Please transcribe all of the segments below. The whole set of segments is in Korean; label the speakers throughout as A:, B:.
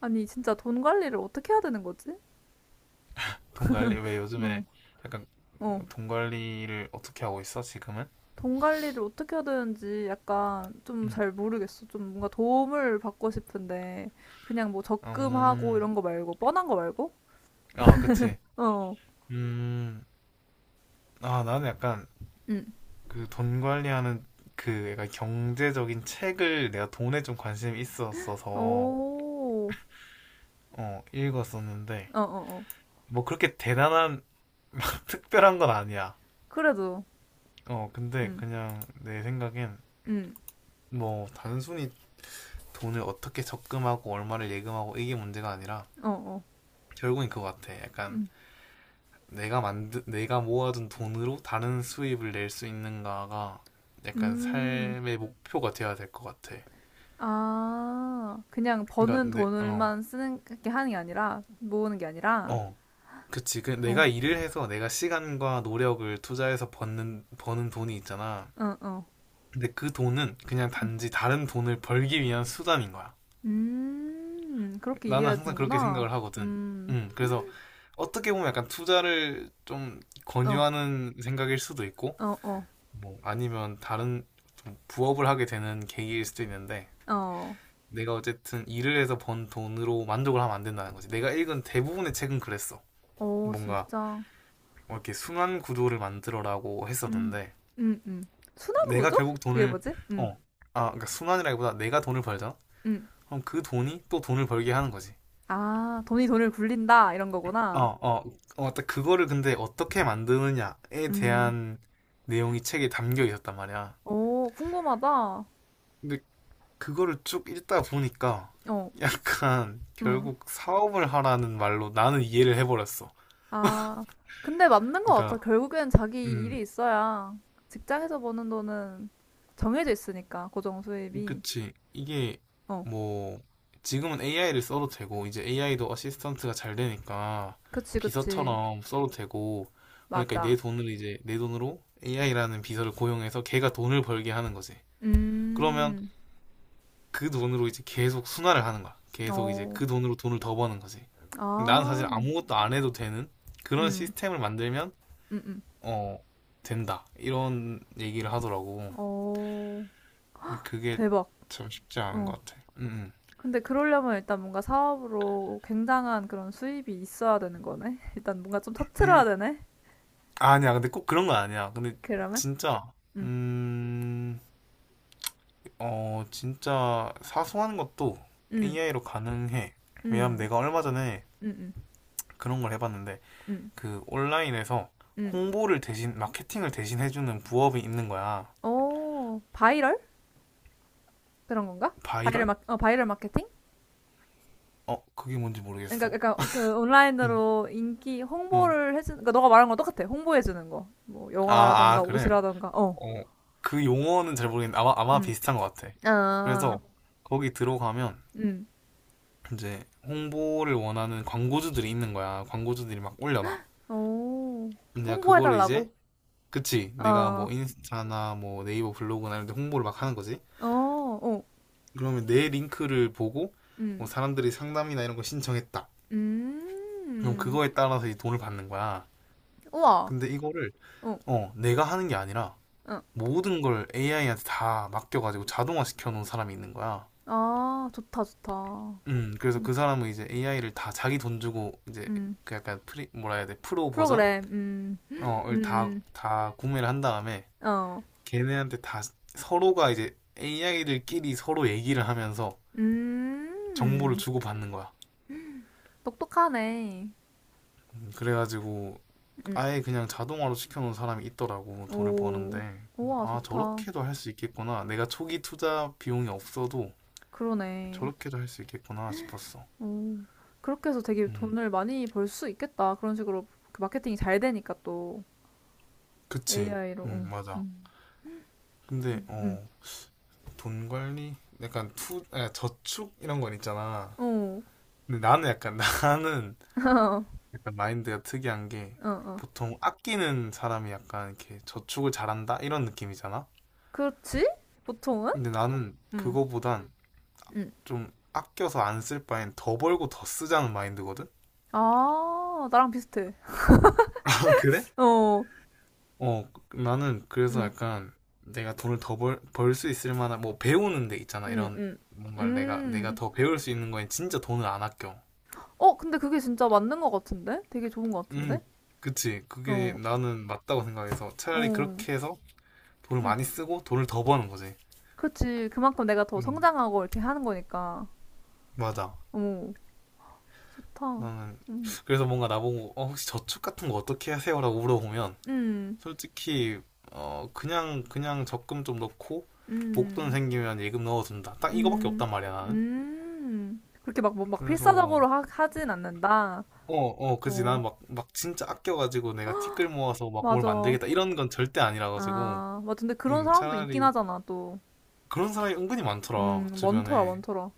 A: 아니, 진짜 돈 관리를 어떻게 해야 되는 거지?
B: 돈 관리 왜
A: 응,
B: 요즘에 약간
A: 어.
B: 돈 관리를 어떻게 하고 있어 지금은?
A: 돈 관리를 어떻게 해야 되는지 약간 좀
B: 응.
A: 잘 모르겠어. 좀 뭔가 도움을 받고 싶은데, 그냥 뭐 적금하고
B: 음,
A: 이런 거 말고, 뻔한 거 말고?
B: 아 그치.
A: 어,
B: 음, 아 나는 약간
A: 응.
B: 그 돈 관리하는 그 약간 경제적인 책을 내가 돈에 좀 관심이 있었어서
A: 오,
B: 읽었었는데
A: 어, 어, 어.
B: 뭐 그렇게 대단한 막 특별한 건 아니야.
A: 그래도,
B: 근데
A: 응,
B: 그냥 내 생각엔
A: 응,
B: 뭐 단순히 돈을 어떻게 적금하고 얼마를 예금하고 이게 문제가 아니라
A: 어, 어,
B: 결국엔 그거 같아. 약간
A: 응,
B: 내가 모아둔 돈으로 다른 수입을 낼 수 있는가가 약간
A: 음.
B: 삶의 목표가 돼야 될 것 같아.
A: 아, 그냥
B: 그러니까
A: 버는
B: 내 어.
A: 돈을만 쓰는 게 하는 게 아니라, 모으는 게 아니라,
B: 어. 그치. 그
A: 어,
B: 내가 일을 해서 내가 시간과 노력을 투자해서 버는 돈이 있잖아.
A: 어, 어.
B: 근데 그 돈은 그냥 단지 다른 돈을 벌기 위한 수단인 거야.
A: 그렇게
B: 나는 항상 그렇게
A: 이해하는구나.
B: 생각을 하거든.
A: 음,
B: 음. 그래서 어떻게 보면 약간 투자를 좀
A: 어,
B: 권유하는 생각일 수도 있고
A: 어, 어,
B: 뭐 아니면 다른 좀 부업을 하게 되는 계기일 수도 있는데
A: 어,
B: 내가 어쨌든 일을 해서 번 돈으로 만족을 하면 안 된다는 거지. 내가 읽은 대부분의 책은 그랬어.
A: 어,
B: 뭔가
A: 진짜.
B: 뭐 이렇게 순환 구조를 만들어라고
A: 음,
B: 했었는데
A: 음, 음.
B: 내가
A: 순환구조?
B: 결국
A: 그게
B: 돈을
A: 뭐지?
B: 어, 아, 그러니까 순환이라기보다 내가 돈을 벌잖아.
A: 음.
B: 그럼 그 돈이 또 돈을 벌게 하는 거지.
A: 아, 돈이 돈을 굴린다, 이런
B: 어,
A: 거구나.
B: 어, 어, 딱 그거를 근데 어떻게 만드느냐에
A: 음,
B: 대한 내용이 책에 담겨 있었단 말이야.
A: 오, 궁금하다.
B: 근데 그거를 쭉 읽다 보니까
A: 어,
B: 약간
A: 음.
B: 결국 사업을 하라는 말로 나는 이해를 해버렸어.
A: 아, 근데 맞는 것 같아.
B: 그러니까,
A: 결국엔 자기
B: 음,
A: 일이 있어야 직장에서 버는 돈은 정해져 있으니까, 고정 수입이.
B: 그치. 이게
A: 어,
B: 뭐, 지금은 AI를 써도 되고, 이제 AI도 어시스턴트가 잘 되니까
A: 그치, 그치.
B: 비서처럼 써도 되고, 그러니까 내
A: 맞아.
B: 돈을 이제, 내 돈으로 AI라는 비서를 고용해서 걔가 돈을 벌게 하는 거지. 그러면
A: 음,
B: 그 돈으로 이제 계속 순환을 하는 거야. 계속 이제
A: 어.
B: 그 돈으로 돈을 더 버는 거지.
A: 아.
B: 나는 사실 아무것도 안 해도 되는 그런
A: 음,
B: 시스템을 만들면
A: 음, 음.
B: 어 된다 이런 얘기를 하더라고.
A: 어,
B: 근데 그게
A: 대박.
B: 참 쉽지 않은
A: 어.
B: 것 같아.
A: 근데 그러려면 일단 뭔가 사업으로 굉장한 그런 수입이 있어야 되는 거네. 일단 뭔가 좀 터트려야
B: 음,
A: 되네.
B: 아니야. 근데 꼭 그런 건 아니야. 근데
A: 그러면?
B: 진짜
A: 음,
B: 음, 어 진짜 사소한 것도
A: 음,
B: AI로 가능해. 왜냐면
A: 음,
B: 내가 얼마 전에
A: 음, 음,
B: 그런 걸 해봤는데
A: 음.
B: 그 온라인에서
A: 음.
B: 홍보를 대신 마케팅을 대신 해주는 부업이 있는 거야.
A: 오, 바이럴? 그런 건가?
B: 바이럴?
A: 어, 바이럴 마케팅?
B: 그게 뭔지
A: 그러니까,
B: 모르겠어.
A: 그러니까 그
B: 응.
A: 온라인으로 인기
B: 응.
A: 홍보를 해주는, 그러니까 너가 말한 거 똑같아. 홍보해주는 거. 뭐
B: 아,
A: 영화라던가
B: 아 그래.
A: 옷이라던가. 어,
B: 어 그 용어는 잘 모르겠는데 아마
A: 음,
B: 비슷한 것 같아.
A: 아,
B: 그래서 거기 들어가면
A: 음.
B: 이제 홍보를 원하는 광고주들이 있는 거야. 광고주들이 막 올려놔.
A: 어,
B: 내가 그거를 이제
A: 홍보해달라고?
B: 그치, 내가
A: 어,
B: 뭐 인스타나 뭐 네이버 블로그나 이런 데 홍보를 막 하는 거지.
A: 어, 어,
B: 그러면 내 링크를 보고 뭐
A: 음,
B: 사람들이 상담이나 이런 거 신청했다. 그럼
A: 음,
B: 그거에 따라서 이 돈을 받는 거야.
A: 우와,
B: 근데 이거를
A: 어,
B: 내가 하는 게 아니라
A: 어,
B: 모든 걸 AI한테 다 맡겨가지고 자동화 시켜놓은 사람이 있는 거야.
A: 아, 좋다, 좋다.
B: 그래서
A: 음,
B: 그 사람은 이제 AI를 다 자기 돈 주고 이제
A: 음,
B: 그 약간 프리 뭐라 해야 돼, 프로 버전
A: 프로그램,
B: 어을 다 다 구매를 한 다음에
A: 어,
B: 걔네한테 다 서로가 이제 AI들끼리 서로 얘기를 하면서 정보를
A: 음,
B: 주고받는 거야.
A: 똑똑하네.
B: 그래가지고
A: 음,
B: 아예 그냥 자동화로 시켜놓은 사람이 있더라고, 돈을 버는데.
A: 오, 우와,
B: 아,
A: 좋다.
B: 저렇게도 할 수 있겠구나, 내가 초기 투자 비용이 없어도
A: 그러네.
B: 저렇게도 할 수 있겠구나 싶었어.
A: 오, 그렇게 해서 되게
B: 음
A: 돈을 많이 벌 수 있겠다. 그런 식으로 그 마케팅이 잘 되니까 또
B: 그치
A: AI로,
B: 맞아. 근데
A: 좀,
B: 어 돈 관리 약간 투, 아, 저축 이런 건 있잖아.
A: 어,
B: 근데 나는 약간 나는
A: 어,
B: 약간 마인드가 특이한 게,
A: 어, 어.
B: 보통 아끼는 사람이 약간 이렇게 저축을 잘한다, 이런 느낌이잖아.
A: 그렇지? 보통은?
B: 근데 나는
A: 응,
B: 그거보단
A: 응.
B: 좀 아껴서 안 쓸 바엔 더 벌고 더 쓰자는 마인드거든?
A: 아, 나랑 비슷해.
B: 아, 그래?
A: 어,
B: 어, 나는 그래서
A: 응,
B: 약간 내가 돈을 더 벌 수 있을 만한, 뭐 배우는 데 있잖아.
A: 응,
B: 이런
A: 응.
B: 뭔가를 내가
A: 음.
B: 더 배울 수 있는 거엔 진짜 돈을 안 아껴.
A: 어, 근데 그게 진짜 맞는 것 같은데? 되게 좋은 것 같은데?
B: 음, 그치. 그게
A: 어,
B: 나는 맞다고 생각해서 차라리
A: 어,
B: 그렇게 해서 돈을
A: 응.
B: 많이 쓰고 돈을 더 버는 거지.
A: 그렇지. 그만큼 내가 더
B: 음,
A: 성장하고 이렇게 하는 거니까.
B: 맞아.
A: 어, 좋다.
B: 나는,
A: 응,
B: 그래서 뭔가 나보고, 어, 혹시 저축 같은 거 어떻게 하세요? 라고 물어보면,
A: 응,
B: 솔직히 그냥 적금 좀 넣고 목돈
A: 응,
B: 생기면 예금 넣어둔다. 딱 이거밖에
A: 응,
B: 없단 말이야 나는.
A: 응 그렇게 막, 뭐, 막
B: 그래서
A: 필사적으로 하진 않는다.
B: 그지. 난
A: 어,
B: 막 막 진짜 아껴가지고 내가 티끌 모아서 막 뭘
A: 맞아.
B: 만들겠다 이런 건 절대 아니라 가지고.
A: 아, 맞아. 근데 그런 사람도 있긴
B: 차라리
A: 하잖아, 또.
B: 그런 사람이 은근히 많더라,
A: 많더라,
B: 주변에.
A: 많더라.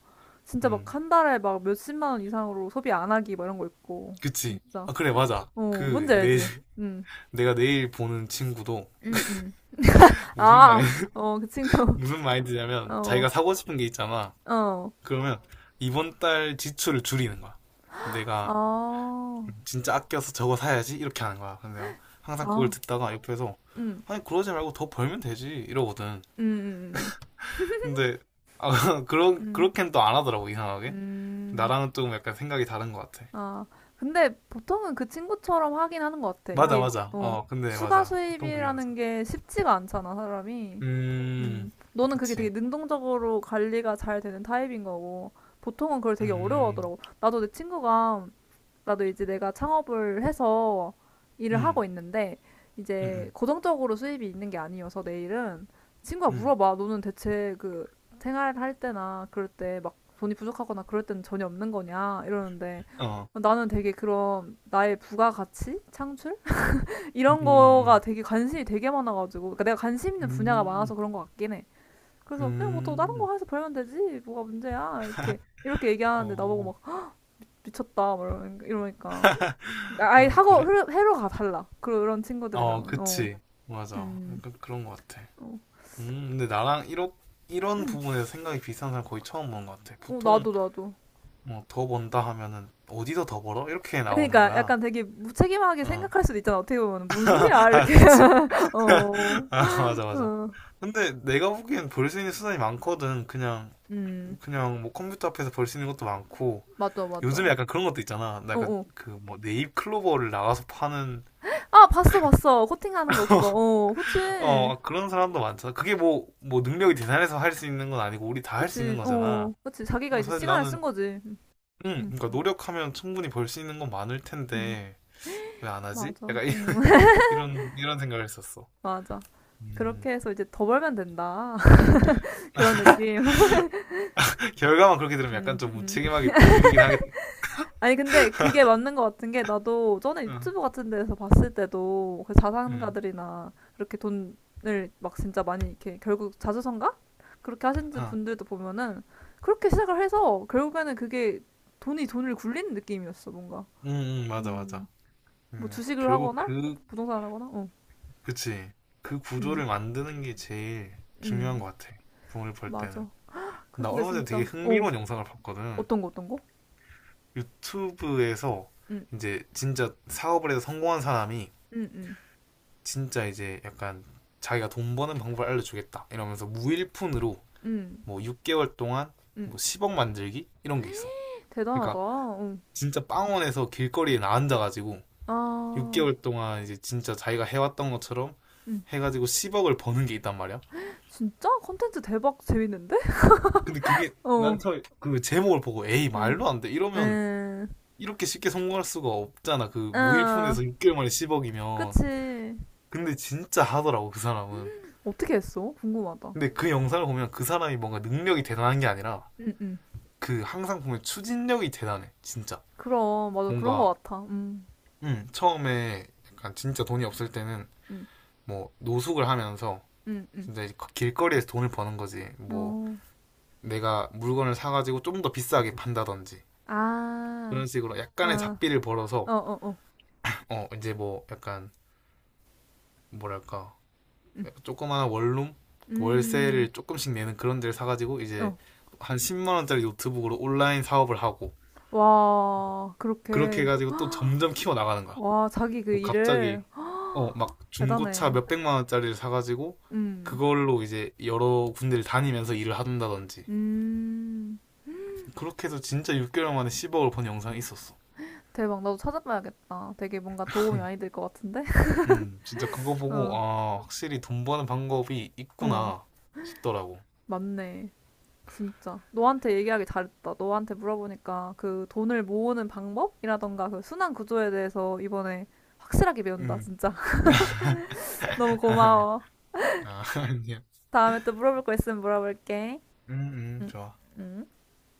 A: 진짜 막
B: 음
A: 한 달에 막 몇십만 원 이상으로 소비 안 하기 막 이런 거 있고.
B: 그치.
A: 진짜.
B: 아 그래 맞아,
A: 어,
B: 그
A: 뭔지
B: 내
A: 알지? 응,
B: 내가 내일 보는 친구도
A: 응, 응.
B: 무슨 마인
A: 아, 어, 그 친구.
B: 무슨 마인드냐면
A: 어,
B: 자기가 사고 싶은 게 있잖아,
A: 어.
B: 그러면 이번 달 지출을 줄이는 거야.
A: 아,
B: 내가 진짜 아껴서 저거 사야지 이렇게 하는 거야. 근데 내가 항상 그걸
A: 아,
B: 듣다가 옆에서
A: 응,
B: 아니 그러지 말고 더 벌면 되지 이러거든.
A: 응, 응,
B: 근데 아, 그런
A: 응. 응,
B: 그렇게는 또 안 하더라고, 이상하게.
A: 응.
B: 나랑은 조금 약간 생각이 다른 것 같아.
A: 아, 근데 보통은 그 친구처럼 하긴 하는 것 같아.
B: 맞아
A: 이게,
B: 맞아.
A: 어,
B: 어 근데
A: 추가
B: 맞아. 보통 그게 맞아.
A: 수입이라는 게 쉽지가 않잖아, 사람이.
B: 음
A: 너는 그게 되게
B: 그치.
A: 능동적으로 관리가 잘 되는 타입인 거고, 보통은 그걸 되게 어려워하더라고.
B: 음
A: 나도 내 친구가, 나도 이제 내가 창업을 해서 일을
B: 음
A: 하고 있는데,
B: 음
A: 이제
B: 음
A: 고정적으로 수입이 있는 게 아니어서 내일은 친구가
B: 음
A: 물어봐. 너는 대체 그 생활할 때나 그럴 때 막 돈이 부족하거나 그럴 때는 전혀 없는 거냐? 이러는데,
B: 어.
A: 나는 되게 그런 나의 부가가치? 창출?
B: 음,
A: 이런 거가
B: 음,
A: 되게 관심이 되게 많아가지고, 그러니까 내가 관심 있는 분야가 많아서
B: 음,
A: 그런 것 같긴 해. 그래서 그냥 뭐 더
B: 음,
A: 다른
B: 음,
A: 거 해서 벌면 되지 뭐가 문제야 이렇게 이렇게 얘기하는데 나보고
B: 어,
A: 막 미쳤다 막 이러니까, 이러니까. 아예
B: 아, 그래?
A: 회로가 달라 그런
B: 어,
A: 친구들이랑은 어,
B: 그치. 맞아.
A: 음,
B: 약간 그런 것 같아.
A: 어,
B: 근데 나랑 이런
A: 음,
B: 부분에서 생각이 비슷한 사람 거의 처음 보는 것 같아.
A: 어
B: 보통,
A: 나도
B: 뭐, 더 번다 하면은, 어디서 더 벌어? 이렇게 나오는
A: 그러니까
B: 거야.
A: 약간 되게 무책임하게
B: 어.
A: 생각할 수도 있잖아 어떻게 보면 뭔 소리야
B: 아,
A: 이렇게
B: 그치.
A: 어,
B: 아, 맞아, 맞아.
A: 어,
B: 근데 내가 보기엔 벌 수 있는 수단이 많거든. 그냥,
A: 음,
B: 뭐 컴퓨터 앞에서 벌 수 있는 것도 많고.
A: 맞아
B: 요즘에
A: 어,
B: 약간 그런 것도 있잖아. 나 약간
A: 어.
B: 그 뭐 네잎 클로버를 나가서 파는
A: 아 봤어 코팅하는 거 그거 어 그치
B: 어 그런 사람도 많잖아. 그게 뭐 뭐 능력이 대단해서 할 수 있는 건 아니고 우리 다 할 수 있는 거잖아.
A: 그치 자기가
B: 근데
A: 이제
B: 사실
A: 시간을
B: 나는
A: 쓴 거지
B: 응,
A: 음,
B: 그러니까 노력하면 충분히 벌 수 있는 건 많을
A: 음,
B: 텐데 왜 안 하지?
A: 맞아
B: 약간 이런 생각을 했었어.
A: 맞아.
B: 음.
A: 그렇게 해서 이제 더 벌면 된다. 그런 느낌.
B: 결과만 그렇게 들으면
A: 음,
B: 약간 좀
A: 음.
B: 무책임하게 들리긴 하겠다.
A: 아니, 근데 그게 맞는 것 같은 게 나도 전에
B: 응,
A: 유튜브 같은 데서 봤을 때도 그
B: 응,
A: 자산가들이나 이렇게 돈을 막 진짜 많이 이렇게 결국 자수성가? 그렇게 하신
B: 아,
A: 분들도 보면은 그렇게 시작을 해서 결국에는 그게 돈이 돈을 굴리는 느낌이었어, 뭔가.
B: 응, 응, 맞아,
A: 음.
B: 맞아.
A: 뭐 주식을
B: 결국
A: 하거나
B: 그,
A: 부동산 하거나, 어.
B: 그치. 그
A: 음,
B: 구조를 만드는 게 제일 중요한
A: 음.
B: 것 같아. 돈을 벌 때는.
A: 맞아.
B: 나
A: 근데
B: 얼마 전에
A: 진짜,
B: 되게
A: 어.
B: 흥미로운 영상을 봤거든.
A: 어떤 거, 어떤 거?
B: 유튜브에서
A: 음,
B: 이제 진짜 사업을 해서 성공한 사람이
A: 음, 음.
B: 진짜 이제 약간 자기가 돈 버는 방법을 알려주겠다 이러면서 무일푼으로
A: 음,
B: 뭐 6개월 동안
A: 음.
B: 뭐 10억 만들기 이런 게 있어.
A: 대단하다.
B: 그러니까
A: 응.
B: 진짜 빵원에서 길거리에 나 앉아가지고
A: 아,
B: 6개월 동안 이제 진짜 자기가 해왔던 것처럼
A: 음.
B: 해가지고 10억을 버는 게 있단 말이야.
A: 진짜? 컨텐츠 대박 재밌는데?
B: 근데 그게 난
A: 어.
B: 처음에 그 제목을 보고 에이
A: 음,
B: 말도 안 돼 이러면
A: 음,
B: 이렇게 쉽게 성공할 수가 없잖아. 그
A: 아,
B: 무일푼에서 6개월 만에 10억이면.
A: 그치.
B: 근데 진짜 하더라고 그 사람은.
A: 어떻게 했어? 궁금하다.
B: 근데 그 영상을 보면 그 사람이 뭔가 능력이 대단한 게 아니라
A: 응 응.
B: 그 항상 보면 추진력이 대단해 진짜.
A: 그럼, 맞아. 그런
B: 뭔가
A: 거 같아.
B: 처음에 약간 진짜 돈이 없을 때는
A: 음,
B: 뭐 노숙을 하면서
A: 음, 음.
B: 진짜 이제 길거리에서 돈을 버는 거지, 뭐
A: 어.
B: 내가 물건을 사가지고 좀 더 비싸게 판다든지
A: 아,
B: 그런 식으로 약간의
A: 아,
B: 잡비를
A: 어,
B: 벌어서
A: 어, 어.
B: 어 이제 뭐 약간 뭐랄까
A: 음,
B: 조그마한 원룸
A: 음,
B: 월세를 조금씩 내는 그런 데를 사가지고 이제
A: 어.
B: 한 10만 원짜리 노트북으로 온라인 사업을 하고
A: 와,
B: 그렇게
A: 그렇게.
B: 해가지고 또 점점 키워 나가는 거야.
A: 와, 자기 그
B: 뭐
A: 일을.
B: 갑자기 막 중고차
A: 대단해.
B: 몇백만 원짜리를 사가지고
A: 음,
B: 그걸로 이제 여러 군데를 다니면서 일을 한다든지
A: 음.
B: 그렇게 해서 진짜 6개월 만에 10억을 번 영상이 있었어.
A: 대박, 나도 찾아봐야겠다. 되게 뭔가 도움이 많이 될 것 같은데?
B: 진짜 그거 보고
A: 어,
B: 아 확실히 돈 버는 방법이
A: 응,
B: 있구나 싶더라고.
A: 맞네. 진짜. 너한테 얘기하기 잘했다. 너한테 물어보니까 그 돈을 모으는 방법이라던가 그 순환 구조에 대해서 이번에 확실하게 배운다,
B: 음,
A: 진짜. 너무
B: 아니야,
A: 고마워.
B: 아, 아니야.
A: 다음에 또 물어볼 거 있으면 물어볼게.
B: 음,
A: 응,
B: 좋아.
A: 응.